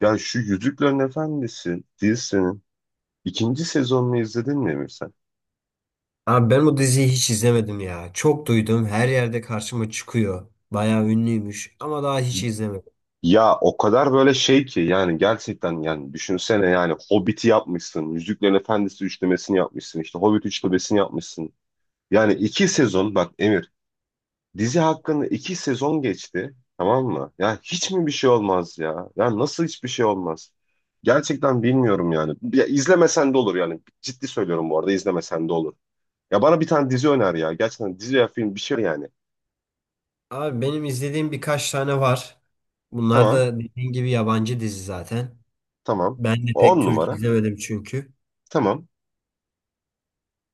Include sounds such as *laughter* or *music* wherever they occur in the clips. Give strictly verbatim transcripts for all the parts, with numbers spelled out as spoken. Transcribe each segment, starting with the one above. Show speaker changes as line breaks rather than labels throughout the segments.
Ya şu Yüzüklerin Efendisi dizisinin ikinci sezonunu izledin mi Emir sen?
Abi ben bu diziyi hiç izlemedim ya. Çok duydum. Her yerde karşıma çıkıyor. Bayağı ünlüymüş ama daha hiç
Y-
izlemedim.
Ya o kadar böyle şey ki yani gerçekten yani düşünsene yani Hobbit'i yapmışsın, Yüzüklerin Efendisi üçlemesini yapmışsın, işte Hobbit üçlemesini yapmışsın. Yani iki sezon bak Emir, dizi hakkında iki sezon geçti, tamam mı? Ya hiç mi bir şey olmaz ya? Ya nasıl hiçbir şey olmaz? Gerçekten bilmiyorum yani. Ya izlemesen de olur yani. Ciddi söylüyorum, bu arada izlemesen de olur. Ya bana bir tane dizi öner ya. Gerçekten dizi ya film bir şey yani.
Abi benim izlediğim birkaç tane var. Bunlar
Tamam.
da dediğin gibi yabancı dizi zaten.
Tamam.
Ben de pek
On
Türk
numara.
izlemedim çünkü.
Tamam.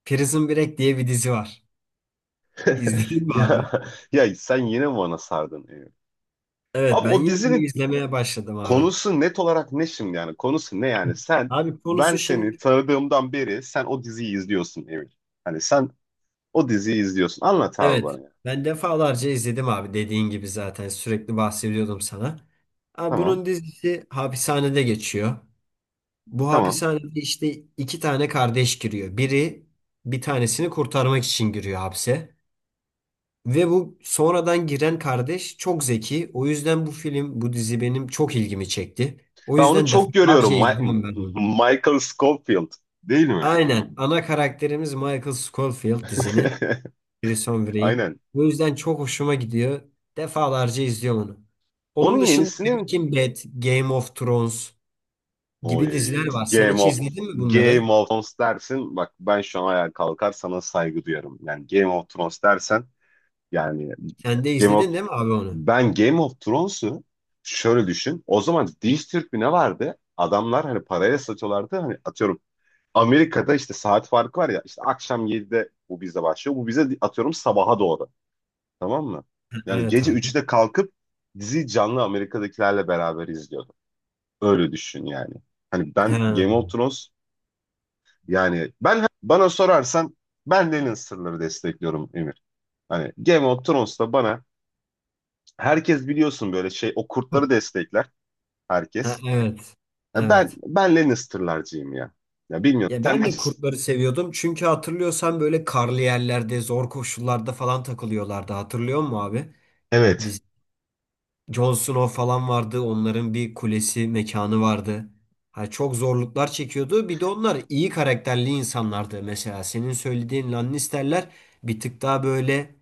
Prison Break diye bir dizi var. *laughs*
*laughs*
İzledin mi
Ya
abi?
ya sen yine mi bana sardın, ya?
Evet
Abi
ben
o
yine bunu
dizinin
izlemeye başladım abi.
konusu net olarak ne şimdi yani? Konusu ne yani? Sen
Abi
ben
konusu
seni
şimdi
tanıdığımdan beri sen o diziyi izliyorsun Emir. Hani sen o diziyi izliyorsun. Anlat abi
evet
bana ya.
ben defalarca izledim abi dediğin gibi zaten sürekli bahsediyordum sana. Abi
Tamam.
bunun dizisi hapishanede geçiyor. Bu
Tamam.
hapishanede işte iki tane kardeş giriyor. Biri bir tanesini kurtarmak için giriyor hapse. Ve bu sonradan giren kardeş çok zeki. O yüzden bu film, bu dizi benim çok ilgimi çekti. O
Ben onu
yüzden
çok görüyorum.
defalarca
Mi-
izliyorum ben
*laughs*
onu.
Michael Scofield değil mi?
Aynen. Ana karakterimiz Michael Scofield dizinin. Prison
*laughs*
Break'in.
Aynen.
Bu yüzden çok hoşuma gidiyor. Defalarca izliyorum onu.
Onun
Onun dışında
yenisini
Breaking Bad, Game of Thrones
Oy,
gibi diziler var. Sen
Game
hiç
of
izledin mi bunları?
Game of Thrones dersin. Bak ben şu an ayağa kalkar sana saygı duyarım. Yani Game of Thrones dersen yani
Sen de
Game of
izledin değil mi abi onu?
ben Game of Thrones'u şöyle düşün. O zaman Diz Türk ne vardı? Adamlar hani paraya satıyorlardı. Hani atıyorum Amerika'da işte saat farkı var ya, işte akşam yedide bu bize başlıyor. Bu bize atıyorum sabaha doğru. Tamam mı? Yani
Evet
gece
abi.
üçte kalkıp dizi canlı Amerika'dakilerle beraber izliyordu. Öyle düşün yani. Hani ben
Ha.
Game of Thrones Yani ben bana sorarsan ben Lenin sırları destekliyorum Emir. Hani Game of Thrones'ta bana herkes biliyorsun böyle şey o kurtları destekler
Ha,
herkes.
evet.
Ya ben
Evet.
ben Lannister'larcıyım ya. Ya bilmiyorum.
Ya
Sen
ben de kurtları seviyordum. Çünkü hatırlıyorsan böyle karlı yerlerde, zor koşullarda falan takılıyorlardı. Hatırlıyor musun abi?
Evet.
Dizi. Jon Snow falan vardı. Onların bir kulesi, mekanı vardı. Ha, çok zorluklar çekiyordu. Bir de onlar iyi karakterli insanlardı. Mesela senin söylediğin Lannister'ler bir tık daha böyle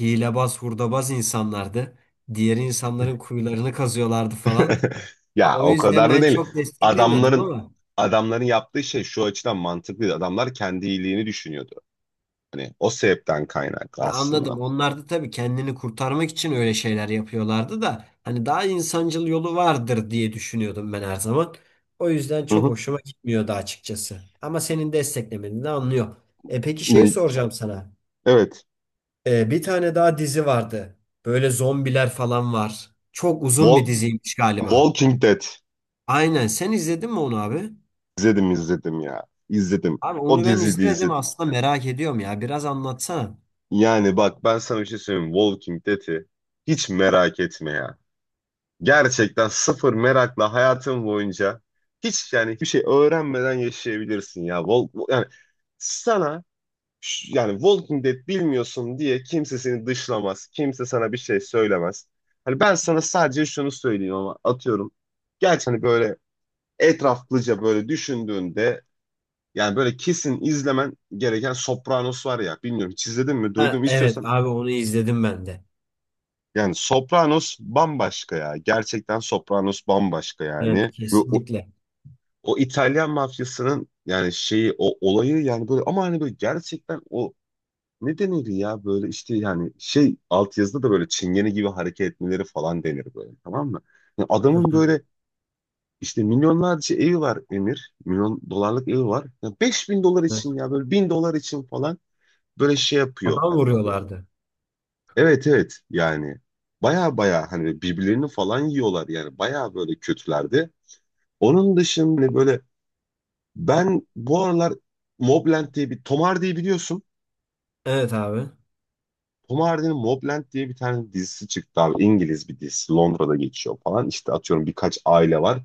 hilebaz, hurdabaz insanlardı. Diğer insanların kuyularını kazıyorlardı falan.
*laughs*
Ya
Ya
o
o
yüzden
kadar da
ben
değil.
çok desteklemiyordum
Adamların
ama
adamların yaptığı şey şu açıdan mantıklıydı. Adamlar kendi iyiliğini düşünüyordu. Hani o sebepten kaynaklı
e, anladım.
aslında.
Onlar da tabii kendini kurtarmak için öyle şeyler yapıyorlardı da hani daha insancıl yolu vardır diye düşünüyordum ben her zaman. O yüzden
Hı
çok
hı.
hoşuma gitmiyordu açıkçası. Ama senin desteklemeni de anlıyor. E peki şey
Ne?
soracağım sana.
Evet.
E, bir tane daha dizi vardı. Böyle zombiler falan var. Çok uzun bir
Wal-
diziymiş galiba.
Walking Dead.
Aynen. Sen izledin mi onu abi?
İzledim izledim ya. İzledim.
Abi
O
onu ben
diziyi de
izlemedim
izledik.
aslında merak ediyorum ya. Biraz anlatsana.
Yani bak ben sana bir şey söyleyeyim. Walking Dead'i hiç merak etme ya. Gerçekten sıfır merakla hayatın boyunca hiç yani hiçbir şey öğrenmeden yaşayabilirsin ya. Wal- yani sana ş- yani Walking Dead bilmiyorsun diye kimse seni dışlamaz. Kimse sana bir şey söylemez. Hani ben sana sadece şunu söyleyeyim ama atıyorum. Gerçi hani böyle etraflıca böyle düşündüğünde yani böyle kesin izlemen gereken Sopranos var ya. Bilmiyorum, hiç izledin mi?
Ha,
Duydum
evet
istiyorsan.
abi onu izledim ben de.
Yani Sopranos bambaşka ya. Gerçekten Sopranos bambaşka yani.
Evet
Ve o,
kesinlikle.
o İtalyan mafyasının yani şeyi o olayı yani böyle ama hani böyle gerçekten o ne denir ya böyle işte yani şey altyazıda da böyle çingene gibi hareket etmeleri falan denir böyle, tamam mı? Yani adamın böyle
*laughs*
işte milyonlarca evi var Emir. Milyon dolarlık evi var. Ya beş bin dolar
Evet,
için ya böyle bin dolar için falan böyle şey yapıyor
adam
hani böyle,
vuruyorlardı.
evet evet yani baya baya hani birbirlerini falan yiyorlar yani baya böyle kötülerdi. Onun dışında hani böyle ben bu aralar Mobland diye bir, Tom Hardy'yi biliyorsun.
Evet abi.
Tom Hardy'nin Mobland diye bir tane dizisi çıktı abi. İngiliz bir dizisi. Londra'da geçiyor falan. İşte atıyorum birkaç aile var.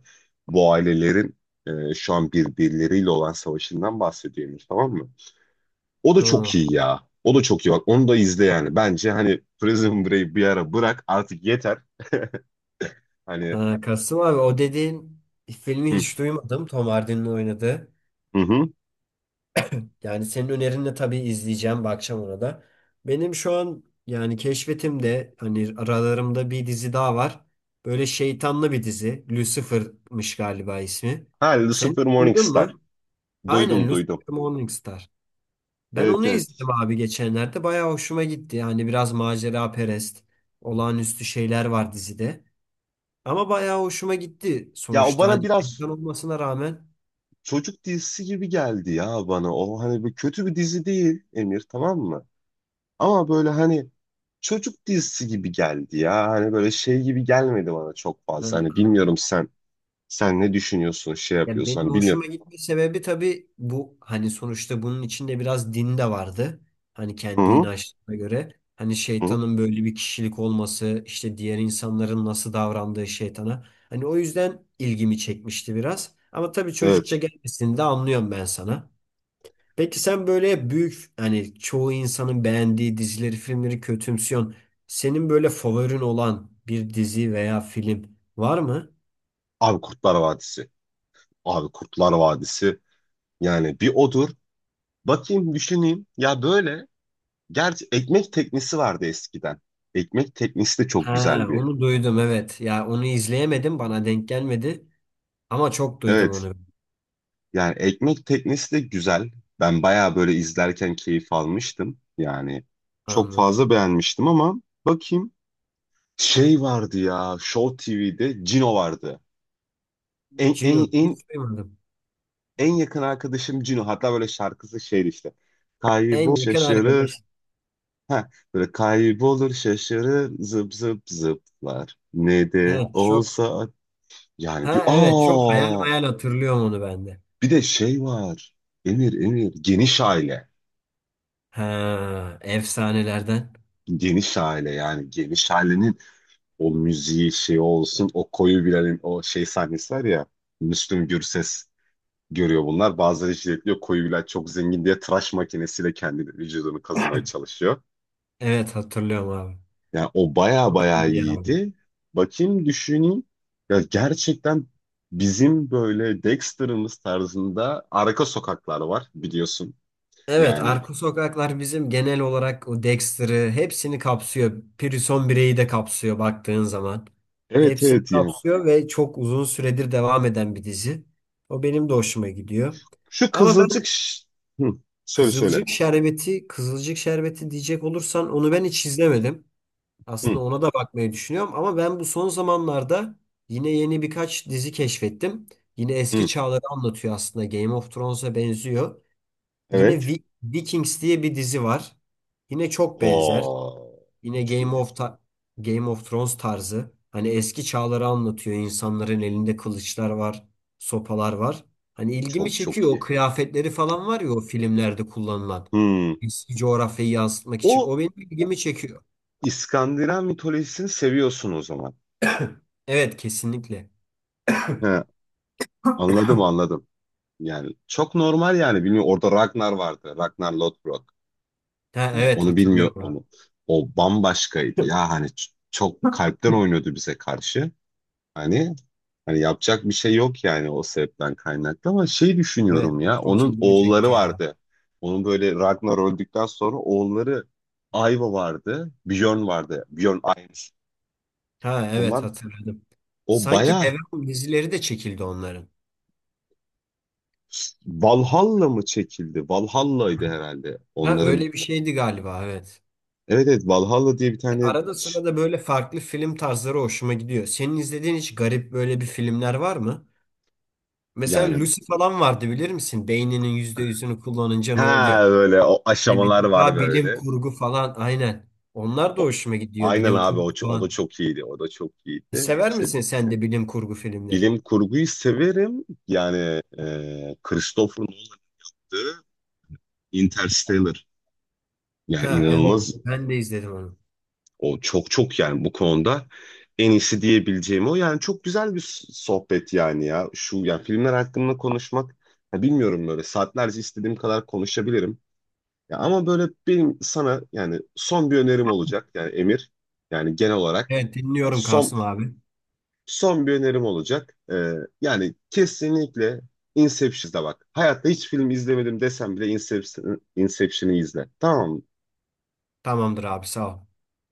Bu ailelerin e, şu an birbirleriyle olan savaşından bahsediyormuş, tamam mı? O da çok
Tamam.
iyi ya. O da çok iyi bak. Onu da izle yani. Bence hani Prison Break bir ara bırak artık, yeter. Hani
Ha, Kasım abi o dediğin filmi
hı
hiç duymadım. Tom Hardy'nin oynadığı.
hı. Hı.
Yani senin önerinle tabii izleyeceğim. Bakacağım ona da. Benim şu an yani keşfetimde hani aralarımda bir dizi daha var. Böyle şeytanlı bir dizi. Lucifer'mış galiba ismi.
Ha,
Sen
Lucifer
hiç duydun
Morningstar.
mu? Aynen
Duydum
Lucifer
duydum.
Morningstar. Ben
Evet
onu
evet.
izledim abi geçenlerde. Bayağı hoşuma gitti. Yani biraz macera perest, olağanüstü şeyler var dizide. Ama bayağı hoşuma gitti
Ya o
sonuçta.
bana
Hani
biraz
şeytan olmasına rağmen.
çocuk dizisi gibi geldi ya bana. O hani bir kötü bir dizi değil Emir, tamam mı? Ama böyle hani çocuk dizisi gibi geldi ya. Hani böyle şey gibi gelmedi bana çok
Ha,
fazla. Hani
ha.
bilmiyorum sen, sen ne düşünüyorsun, şey
Ya
yapıyorsun.
benim
Hani bilmiyorum.
hoşuma gitme sebebi tabii bu, hani sonuçta bunun içinde biraz din de vardı. Hani
Hı
kendi
hı.
inançlarına göre. Hani
Hı.
şeytanın böyle bir kişilik olması, işte diğer insanların nasıl davrandığı şeytana. Hani o yüzden ilgimi çekmişti biraz. Ama tabii çocukça
Evet.
gelmesini de anlıyorum ben sana. Peki sen böyle hep büyük, hani çoğu insanın beğendiği dizileri, filmleri kötümsüyorsun. Senin böyle favorin olan bir dizi veya film var mı?
Abi Kurtlar Vadisi. Abi Kurtlar Vadisi yani bir odur. Bakayım düşüneyim. Ya böyle gerçi ekmek teknesi vardı eskiden. Ekmek teknesi de çok
He,
güzel bir.
onu duydum evet. Ya onu izleyemedim, bana denk gelmedi ama çok duydum
Evet.
onu.
Yani ekmek teknesi de güzel. Ben bayağı böyle izlerken keyif almıştım. Yani çok
Anladım.
fazla beğenmiştim ama bakayım. Şey vardı ya Show T V'de Cino vardı. En, en,
Cino
en,
hiç duymadım.
en yakın arkadaşım Cino. Hatta böyle şarkısı şeydi işte. Kaybol
En yakın arkadaş.
şaşırır. Ha, böyle kaybolur şaşırır zıp zıp zıplar. Ne de
Evet çok.
olsa yani bir
Ha evet, çok hayal
aa
hayal hatırlıyorum onu ben de.
bir de şey var. Emir Emir geniş aile.
Ha efsanelerden.
Geniş aile yani geniş ailenin o müziği şey olsun, o koyu Bilal'in o şey sahnesi var ya, Müslüm Gürses görüyor bunlar. Bazıları jiletliyor, koyu Bilal çok zengin diye tıraş makinesiyle kendi vücudunu kazımaya çalışıyor.
Evet hatırlıyorum abi.
Yani o baya baya
İyi ya.
iyiydi. Bakayım düşüneyim. Ya gerçekten bizim böyle Dexter'ımız tarzında arka sokaklar var biliyorsun.
Evet,
Yani
Arka Sokaklar bizim genel olarak o Dexter'ı hepsini kapsıyor. Prison Break'i de kapsıyor baktığın zaman.
evet
Hepsini
evet yani.
kapsıyor ve çok uzun süredir devam eden bir dizi. O benim de hoşuma gidiyor.
Şu
Ama
Kızılcık
ben
Ş- Hı, söyle söyle.
Kızılcık Şerbeti, Kızılcık Şerbeti diyecek olursan onu ben hiç izlemedim.
Hı,
Aslında ona da bakmayı düşünüyorum ama ben bu son zamanlarda yine yeni birkaç dizi keşfettim. Yine eski
hı,
çağları anlatıyor aslında. Game of Thrones'a benziyor. Yine
evet.
Vi- Vikings diye bir dizi var. Yine çok benzer.
Oo,
Yine
çok
Game
iyi.
of Ta- Game of Thrones tarzı. Hani eski çağları anlatıyor. İnsanların elinde kılıçlar var, sopalar var. Hani ilgimi
Çok
çekiyor.
çok
O
iyi.
kıyafetleri falan var ya o filmlerde kullanılan.
Hı.
Eski coğrafyayı yansıtmak için.
O,
O benim
o
ilgimi çekiyor.
İskandinav mitolojisini seviyorsun o zaman.
Evet, kesinlikle.
He, anladım anladım. Yani çok normal yani bilmiyorum orada Ragnar vardı. Ragnar Lothbrok.
Ha,
Hani
evet
onu bilmiyor
hatırlıyorum abi.
onu. O bambaşkaydı ya hani ç- çok kalpten oynuyordu bize karşı. Hani hani yapacak bir şey yok yani o sebepten kaynaklı ama şey
Evet,
düşünüyorum
o
ya
çok
onun
ilgimi çekti
oğulları
ya.
vardı. Onun böyle Ragnar öldükten sonra oğulları Aiva vardı, Bjorn vardı. Bjorn Aims.
Ha evet,
Onlar
hatırladım.
o
Sanki
baya
devam dizileri de çekildi onların.
Valhalla mı çekildi? Valhalla'ydı herhalde.
Ha
Onların
öyle bir şeydi galiba, evet.
evet evet Valhalla diye bir tane
Arada
ç-
sırada böyle farklı film tarzları hoşuma gidiyor. Senin izlediğin hiç garip böyle bir filmler var mı? Mesela
yani.
Lucy falan vardı, bilir misin? Beyninin yüzde yüzünü kullanınca ne
Ha,
oluyor?
böyle o
Hani bir
aşamalar
tık
var
daha bilim
böyle.
kurgu falan, aynen. Onlar da
O-
hoşuma gidiyor,
Aynen
bilim
abi
kurgu
o, ço- o da
falan.
çok iyiydi. O da çok iyiydi.
Sever
İşte
misin sen de bilim kurgu filmleri?
bilim kurguyu severim. Yani e, Christopher Nolan'dı. Interstellar. Yani
Ha evet,
inanılmaz.
ben de izledim onu.
O çok çok yani bu konuda en iyisi diyebileceğim o. Yani çok güzel bir s- sohbet yani ya. Şu yani filmler hakkında konuşmak ya bilmiyorum böyle saatlerce istediğim kadar konuşabilirim. Ya ama böyle benim sana yani son bir önerim olacak. Yani Emir yani genel olarak
Evet
yani
dinliyorum
son
Kasım abi.
Son bir önerim olacak. Ee, yani kesinlikle Inception'a bak. Hayatta hiç film izlemedim desem bile Inception, Inception'ı izle. Tamam mı?
Tamamdır abi, sağ ol.